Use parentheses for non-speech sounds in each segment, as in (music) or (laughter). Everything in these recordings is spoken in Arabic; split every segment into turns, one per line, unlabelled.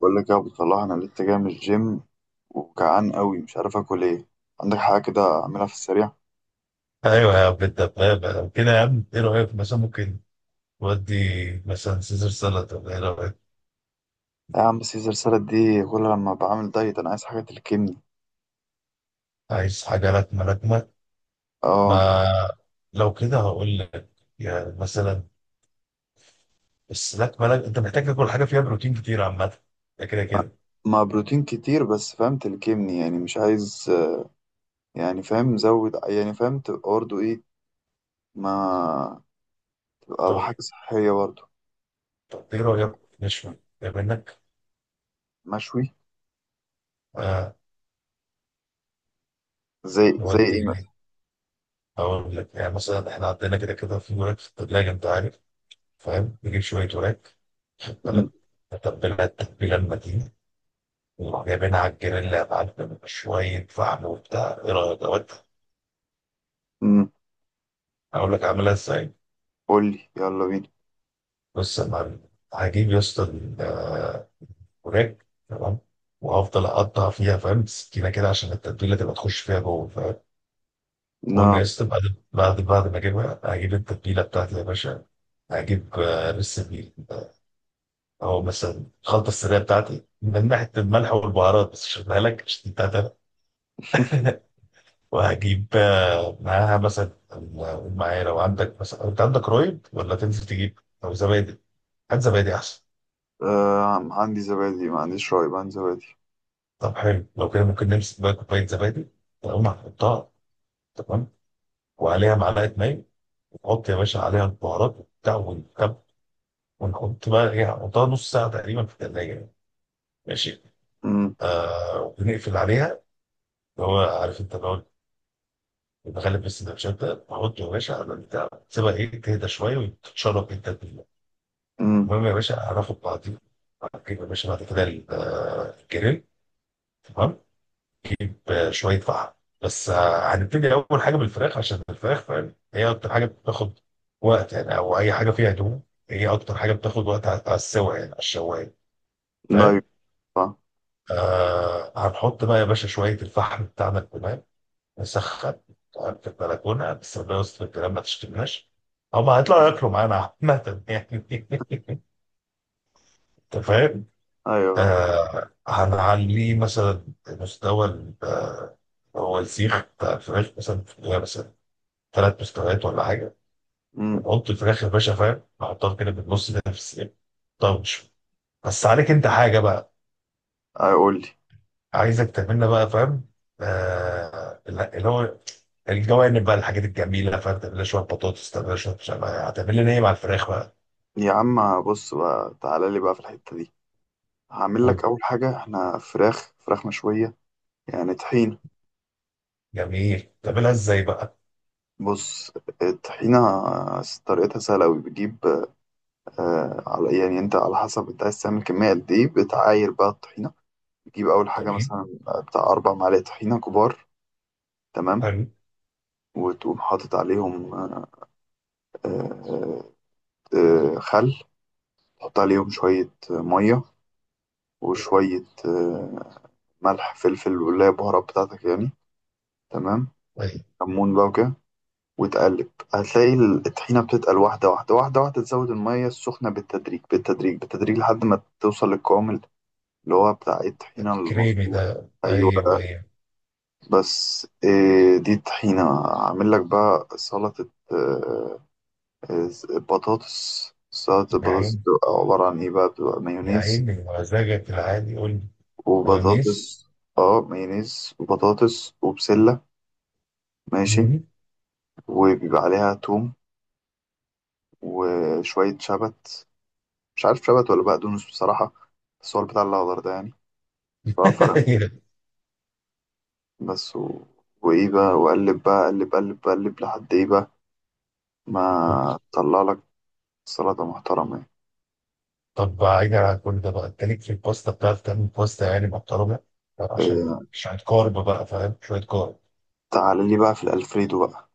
بقول لك يا ابو صلاح، انا لسه جاي من الجيم وجعان قوي، مش عارف اكل ايه. عندك حاجه كده اعملها في السريع؟
ايوه يا عم، انت فاهم كده يا عم. ايه رايك مثلا ممكن تودي مثلا سيزر سالاد، ولا ايه رايك؟
يا عم، سيزر سالاد دي كلها لما بعمل دايت. انا عايز حاجه تلكمني.
عايز حاجه لكمه لكمه.
اه.
ما لو كده هقول لك يعني مثلا. بس لكمه لك، انت محتاج تاكل حاجه فيها بروتين كتير عامه. ده كده كده.
مع بروتين كتير بس فاهم، تلكمني يعني، مش عايز يعني فاهم زود، يعني فاهم تبقى برضه ايه. ما تبقى حاجه
طيب،
صحيه برضه.
طب ايه رايك نشوي إيه منك؟
مشوي.
آه.
زي
نودي
ايه
يعني.
مثلا؟
هقول لك يعني مثلا، احنا عندنا كده كده في وراك في الثلاجه انت عارف. فاهم؟ نجيب شويه وراك. خد
مم،
بالك. نتبلها التتبيله المتينه، وروح جايبينها على الجريل يا معلم، شوية فحم وبتاع. إيه رأيك، أقول
مم.
أقول لك أعملها إزاي؟
قول لي، يلا بينا.
بص يا معلم. هجيب يا اسطى الوراك. تمام. وهفضل أقطع فيها فاهم، سكينة كده عشان التتبيلة تبقى تخش فيها جوه. فاهم؟
نا
المهم يا اسطى، بعد ما أجيبها، هجيب التتبيلة بتاعتي يا باشا. هجيب لسه بيه. أو مثلا الخلطة السرية بتاعتي من ناحية الملح والبهارات، بس مش هديها لك عشان أنت هتعرف. (laughs) وهجيب معاها مثلا. أقول معايا، لو عندك مثلا، انت عندك رايب ولا تنزل تجيب او زبادي؟ هات زبادي احسن.
آه، عندي زبادي، ما عنديش رايب، عندي زبادي.
طب حلو. لو كده ممكن نمسك بقى كوبايه زبادي، تقوم هنحطها. تمام. وعليها معلقه ماء. ونحط يا باشا عليها البهارات وبتاع والتب. ونحط بقى ايه، نحطها نص ساعه تقريبا في الثلاجه يعني. ماشي.
مم،
آه، ونقفل عليها، اللي هو عارف انت، اللي هو، بنغلب السندوتشات، ده نحطه يا باشا على البتاع. تسيبها ايه، تهدى شويه وتتشرب انت.
مم.
المهم يا باشا، هناخد بعضينا. هتجيب يا باشا بعد كده الجريل. تمام. بشويه فحم. بس هنبتدي اول حاجه بالفراخ، عشان الفراخ فاهم هي اكتر حاجه بتاخد وقت يعني. او اي حاجه فيها دهون هي اكتر حاجه بتاخد وقت على السوا يعني، على الشوايه. فاهم؟
دايت. آه.
آه، هنحط بقى يا باشا شويه الفحم بتاعنا الكمان. نسخن. تمام، في البلكونه بس، ربنا يستر الكلام ما تشتمناش. هما هيطلعوا ياكلوا معانا عامة يعني. (laughs) انت فاهم؟
ايوه، آه.
آه، هنعليه مثلا مستوى. هو السيخ بتاع الفراخ مثلا في جواها مثلا ثلاث مستويات ولا حاجه.
امم.
بنحط الفراخ يا باشا فاهم، بحطها كده بالنص كده في السيخ طرش. بس عليك انت حاجه بقى.
اقول لي.
عايزك تعملنا بقى فاهم. آه لا، اللي هو الجوانب بقى، الحاجات الجميله فاهم. تعمل لها شويه بطاطس، تعمل لها شويه مش عارف إيه. هتعمل لنا ايه مع الفراخ بقى؟
يا عم، بص بقى، تعالى لي بقى في الحتة دي. هعمل لك
قول.
اول حاجة. احنا فراخ مشوية. يعني طحين.
جميل. تعملها ازاي بقى؟
بص. الطحينة طريقتها سهلة أوي. بتجيب على يعني، أنت على حسب أنت عايز تعمل كمية قد إيه، بتعاير بقى الطحينة. بتجيب أول حاجة
جميل.
مثلا بتاع أربع معالق طحينة كبار. تمام.
حلو.
وتقوم حاطط عليهم آه آه آه، خل تحط عليهم شوية مية وشوية ملح فلفل، واللي هي البهارات بتاعتك يعني. تمام.
طيب.
كمون بقى وكده، وتقلب هتلاقي الطحينة بتتقل، واحدة واحدة واحدة واحدة تزود المية السخنة بالتدريج بالتدريج بالتدريج لحد ما توصل للقوام اللي هو بتاع إيه، الطحينة
الكريمي
المظبوط.
ده،
أيوة.
ايوه ايوه.
بس إيه، دي الطحينة. أعمل لك بقى سلطة آه، بطاطس. سلطة
يا
البطاطس
عيني
بتبقى عبارة عن إيه بقى؟ بتبقى
يا
مايونيز
عيني، مزاجك العادي قول لي.
وبطاطس.
مايونيز.
اه مايونيز وبطاطس وبسلة. ماشي. وبيبقى عليها توم وشوية شبت، مش عارف شبت ولا بقدونس بصراحة، بس هو البتاع الأخضر ده يعني، مش بعرف أفرق بينهم.
(laughs)
بس وإيه بقى، وأقلب بقى، أقلب أقلب أقلب لحد إيه بقى، ما
أوكي.
طلع لك سلطة محترمة يعني.
طب بعيدا عن كل ده بقى، انت ليك في الباستا؟ بتعرف تعمل باستا يعني محترمه؟ طب
إيه،
عشان شويه كارب بقى فاهم، شويه كارب.
تعال لي بقى في الألفريدو بقى.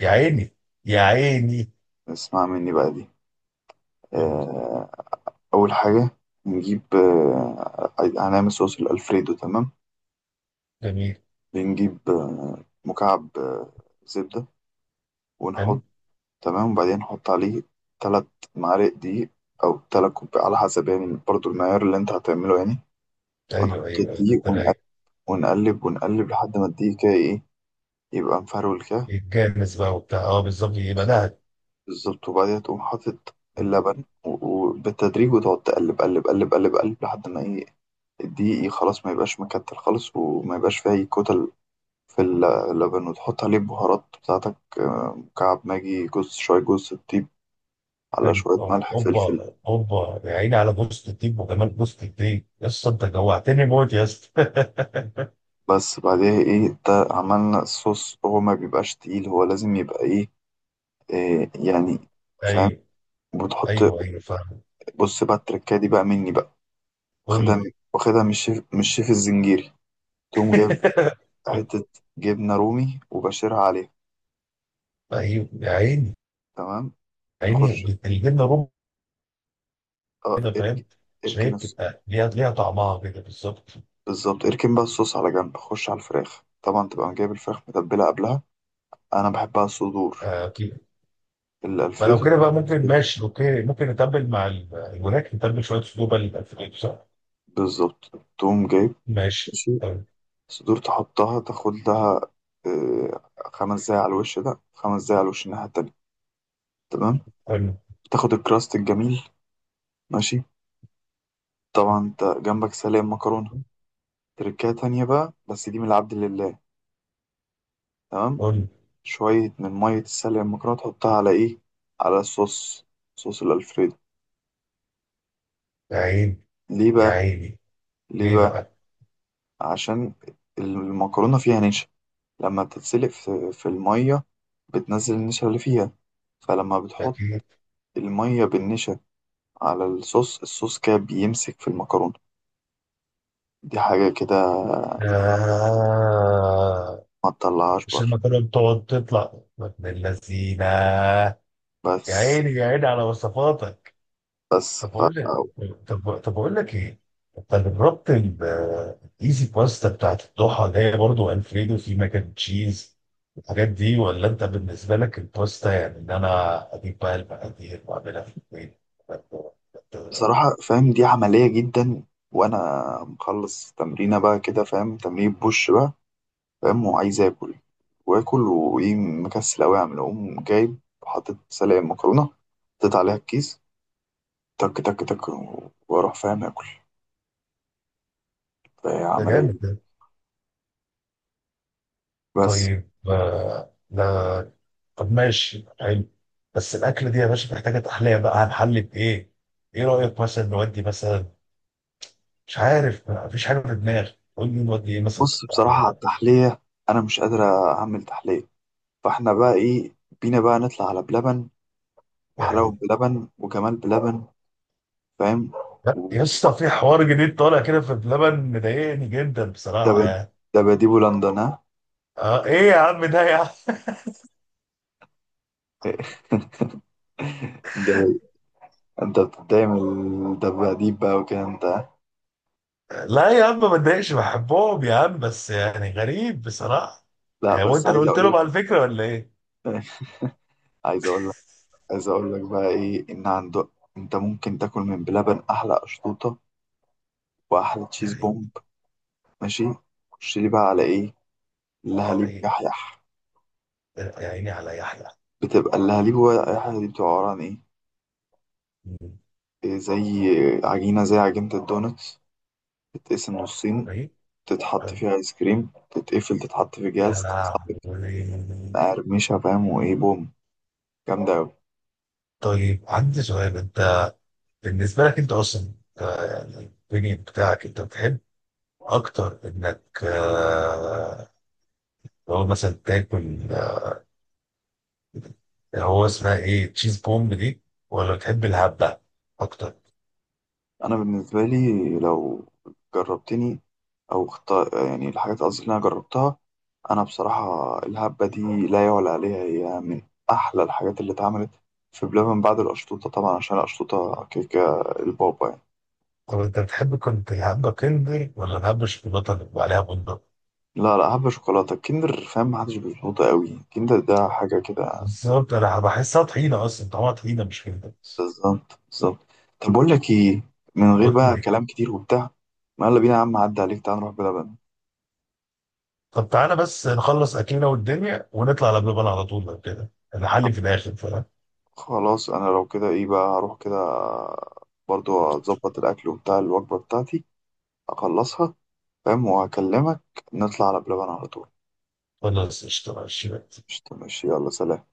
يا عيني يا عيني.
اسمع مني بقى دي.
طب.
آه، أول حاجة نجيب هنعمل صوص الألفريدو. تمام.
جميل.
بنجيب مكعب زبدة ونحط.
حلو.
تمام. وبعدين حط عليه تلات معالق دقيق، أو تلات كوب، على حسب يعني برضو المعيار اللي أنت هتعمله يعني. ونحط
ايوه ايوه أيوة، طب
الدقيق
ده
ونقلب
رايق.
ونقلب ونقلب لحد ما الدقيق كده إيه، يبقى مفرول كده.
يتجمس بقى وبتاع، اه، بالظبط يبقى ده.
بالظبط. وبعدين تقوم حاطط اللبن و- وبالتدريج، وتقعد تقلب قلب قلب قلب قلب لحد ما إيه، الدقيق إيه خلاص ما يبقاش مكتل خالص، وما يبقاش فيه أي كتل في اللبن. وتحط عليه البهارات بتاعتك، مكعب ماجي، جوز شوية جوز الطيب، على
حلو.
شوية ملح فلفل.
اوبا اوبا، يا عيني على بوست الديب وجمال بوست الديب يا اسطى. انت جوعتني موت يا اسطى.
بس بعدها ايه، ده عملنا الصوص، هو ما بيبقاش تقيل، هو لازم يبقى ايه، إيه يعني،
(laughs)
فاهم؟
ايوه
بتحط.
ايوه ايوه فاهم.
بص بقى، التركايه دي بقى مني بقى.
قول لي.
واخدها من الشيف الزنجيري. تقوم جايب
(laughs)
حتة جبنة رومي وبشرها عليها.
ايوه يا عيني،
تمام.
عيني
نخش.
الجبنه رومي
اه
كده فاهم،
ارك-
عشان هي
اركن الص-
بتبقى ليها طعمها كده بالظبط.
بالظبط، اركن بقى الصوص على جنب، خش على الفراخ. طبعا تبقى جايب الفراخ متبلة قبلها. انا بحبها صدور
آه كده. فلو
الالفريدو.
كده بقى ممكن، ماشي، اوكي، ممكن نتبل مع الوراك نتبل شويه صدور بقى للألفريدو، صح؟
بالظبط. تقوم جايب.
ماشي.
ماشي.
حلو.
صدور تحطها، تاخد لها آه، خمس دقايق على الوش ده، خمس دقايق على الوش الناحية التانية. تمام.
حلو.
تاخد الكراست الجميل. ماشي. طبعا انت جنبك سلق مكرونة. تركاية تانية بقى، بس دي من العبد لله. تمام.
قول لي.
شوية من مية السلق المكرونة تحطها على ايه؟ على الصوص، صوص الألفريدو.
يا عيني
ليه
يا
بقى؟
عيني،
ليه
ليه
بقى؟
بقى؟
عشان المكرونة فيها نشا. لما تتسلق في المية، بتنزل النشا اللي فيها. فلما بتحط
أكيد.
المية بالنشا على الصوص، الصوص كده بيمسك في المكرونة. دي حاجة كده
آه.
ما تطلعهاش
مش
بره.
المكرونة بتقعد تطلع من اللذينة؟ يا
بس.
عيني يا عيني على وصفاتك.
بس
طب اقول لك. طب اقول لك ايه، انت جربت الايزي باستا بتاعت الضحى اللي هي برضه الفريدو في ماك اند تشيز، الحاجات دي؟ ولا انت بالنسبه لك الباستا يعني ان انا اجيب بقى المقادير واعملها في البيت؟
بصراحة فاهم، دي عملية جدا. وأنا مخلص تمرينة بقى كده، فاهم، تمرين بوش بقى، فاهم، وعايز آكل. وآكل وإيه، مكسل أوي أعمل، أقوم جايب، حاطط سلق المكرونة، حطيت عليها الكيس، تك تك تك، وأروح فاهم آكل. فهي
ده
عملية
جامد
دي.
ده.
بس.
طيب آه، لا. طب ماشي حلو. بس الاكله دي يا باشا محتاجه تحليه بقى، هنحل بايه؟ ايه رايك مثلا نودي مثلا؟ مش عارف، مفيش حاجه في دماغي، قول لي نودي ايه مثلا في
بص،
التحليه
بصراحة على
لا.
التحلية أنا مش قادر أعمل تحلية. فاحنا بقى ايه، بينا بقى نطلع على بلبن، وحلاوة
يعني.
بلبن، وجمال بلبن، فاهم.
لا يا
و-
اسطى، في حوار جديد طالع كده في بلبن مضايقني جدا بصراحه
دب-
يعني.
دباديبو لندن، ها؟
اه، ايه يا عم ده يا عم؟
(laughs) دب- انت بتتضايق من الدباديب بقى وكده انت، ها؟
لا يا عم، ما اتضايقش، بحبهم يا عم، بس يعني غريب بصراحه.
لا،
يعني هو
بس
انت اللي
عايز
قلت
اقول
لهم على
لك.
الفكره ولا ايه؟
(laughs) عايز اقول لك. عايز اقول لك بقى ايه، ان عندك انت ممكن تاكل من بلبن احلى اشطوطة، واحلى تشيز
يعني،
بومب. ماشي. خش لي بقى على ايه،
على
اللهاليب
ايه؟
يحيح.
يا عيني على يحيى.
بتبقى اللهاليب هو يحيح دي، بتبقى عبارة عن ايه؟ إيه، زي عجينة الدونتس. تتقسم نصين،
طيب.
تتحط فيها ايس كريم، تتقفل، تتحط في
يا
جهاز.
لهوي.
مقرمشة فاهم، وايه بوم، جامدة أوي.
طيب عندي سؤال. انت بالنسبه لك انت اصلا يعني البنين بتاعك، انت بتحب اكتر انك لو مثلا تاكل، هو اسمها ايه تشيز بومب دي، ولا بتحب الهبه اكتر؟
أنا بالنسبة لي، لو جربتني يعني الحاجات، قصدي اللي أنا جربتها، أنا بصراحة الهبة دي لا يعلى عليها، هي من أحلى الحاجات اللي اتعملت في بلبن بعد القشطوطة طبعا، عشان القشطوطة كيكة البابا يعني.
طب انت بتحب كنت الهبه كندر ولا الهبه الشوكولاته اللي بيبقى عليها بندق؟
لا لا، هبة شوكولاتة. الكندر فاهم محدش بيظبطها أوي، الكندر ده حاجة كده.
بالظبط، انا بحسها طحينه اصلا، طعمها طحينه مش كندر.
بالظبط، بالظبط. طب بقول لك ايه، من غير
قول
بقى
لي.
كلام كتير وبتاع. ما يلا بينا يا عم، عدى عليك، تعال نروح بلبن.
طب تعالى بس نخلص اكلنا والدنيا ونطلع على بلبن على طول، لو كده نحلي في الاخر فاهم.
خلاص، انا لو كده ايه بقى، هروح كده برضو اظبط الاكل وبتاع، الوجبه بتاعتي اخلصها، فاهم، وهكلمك نطلع على بلبن على طول.
خلاص، اشتغل الشباب.
مش، ماشي، يلا سلام.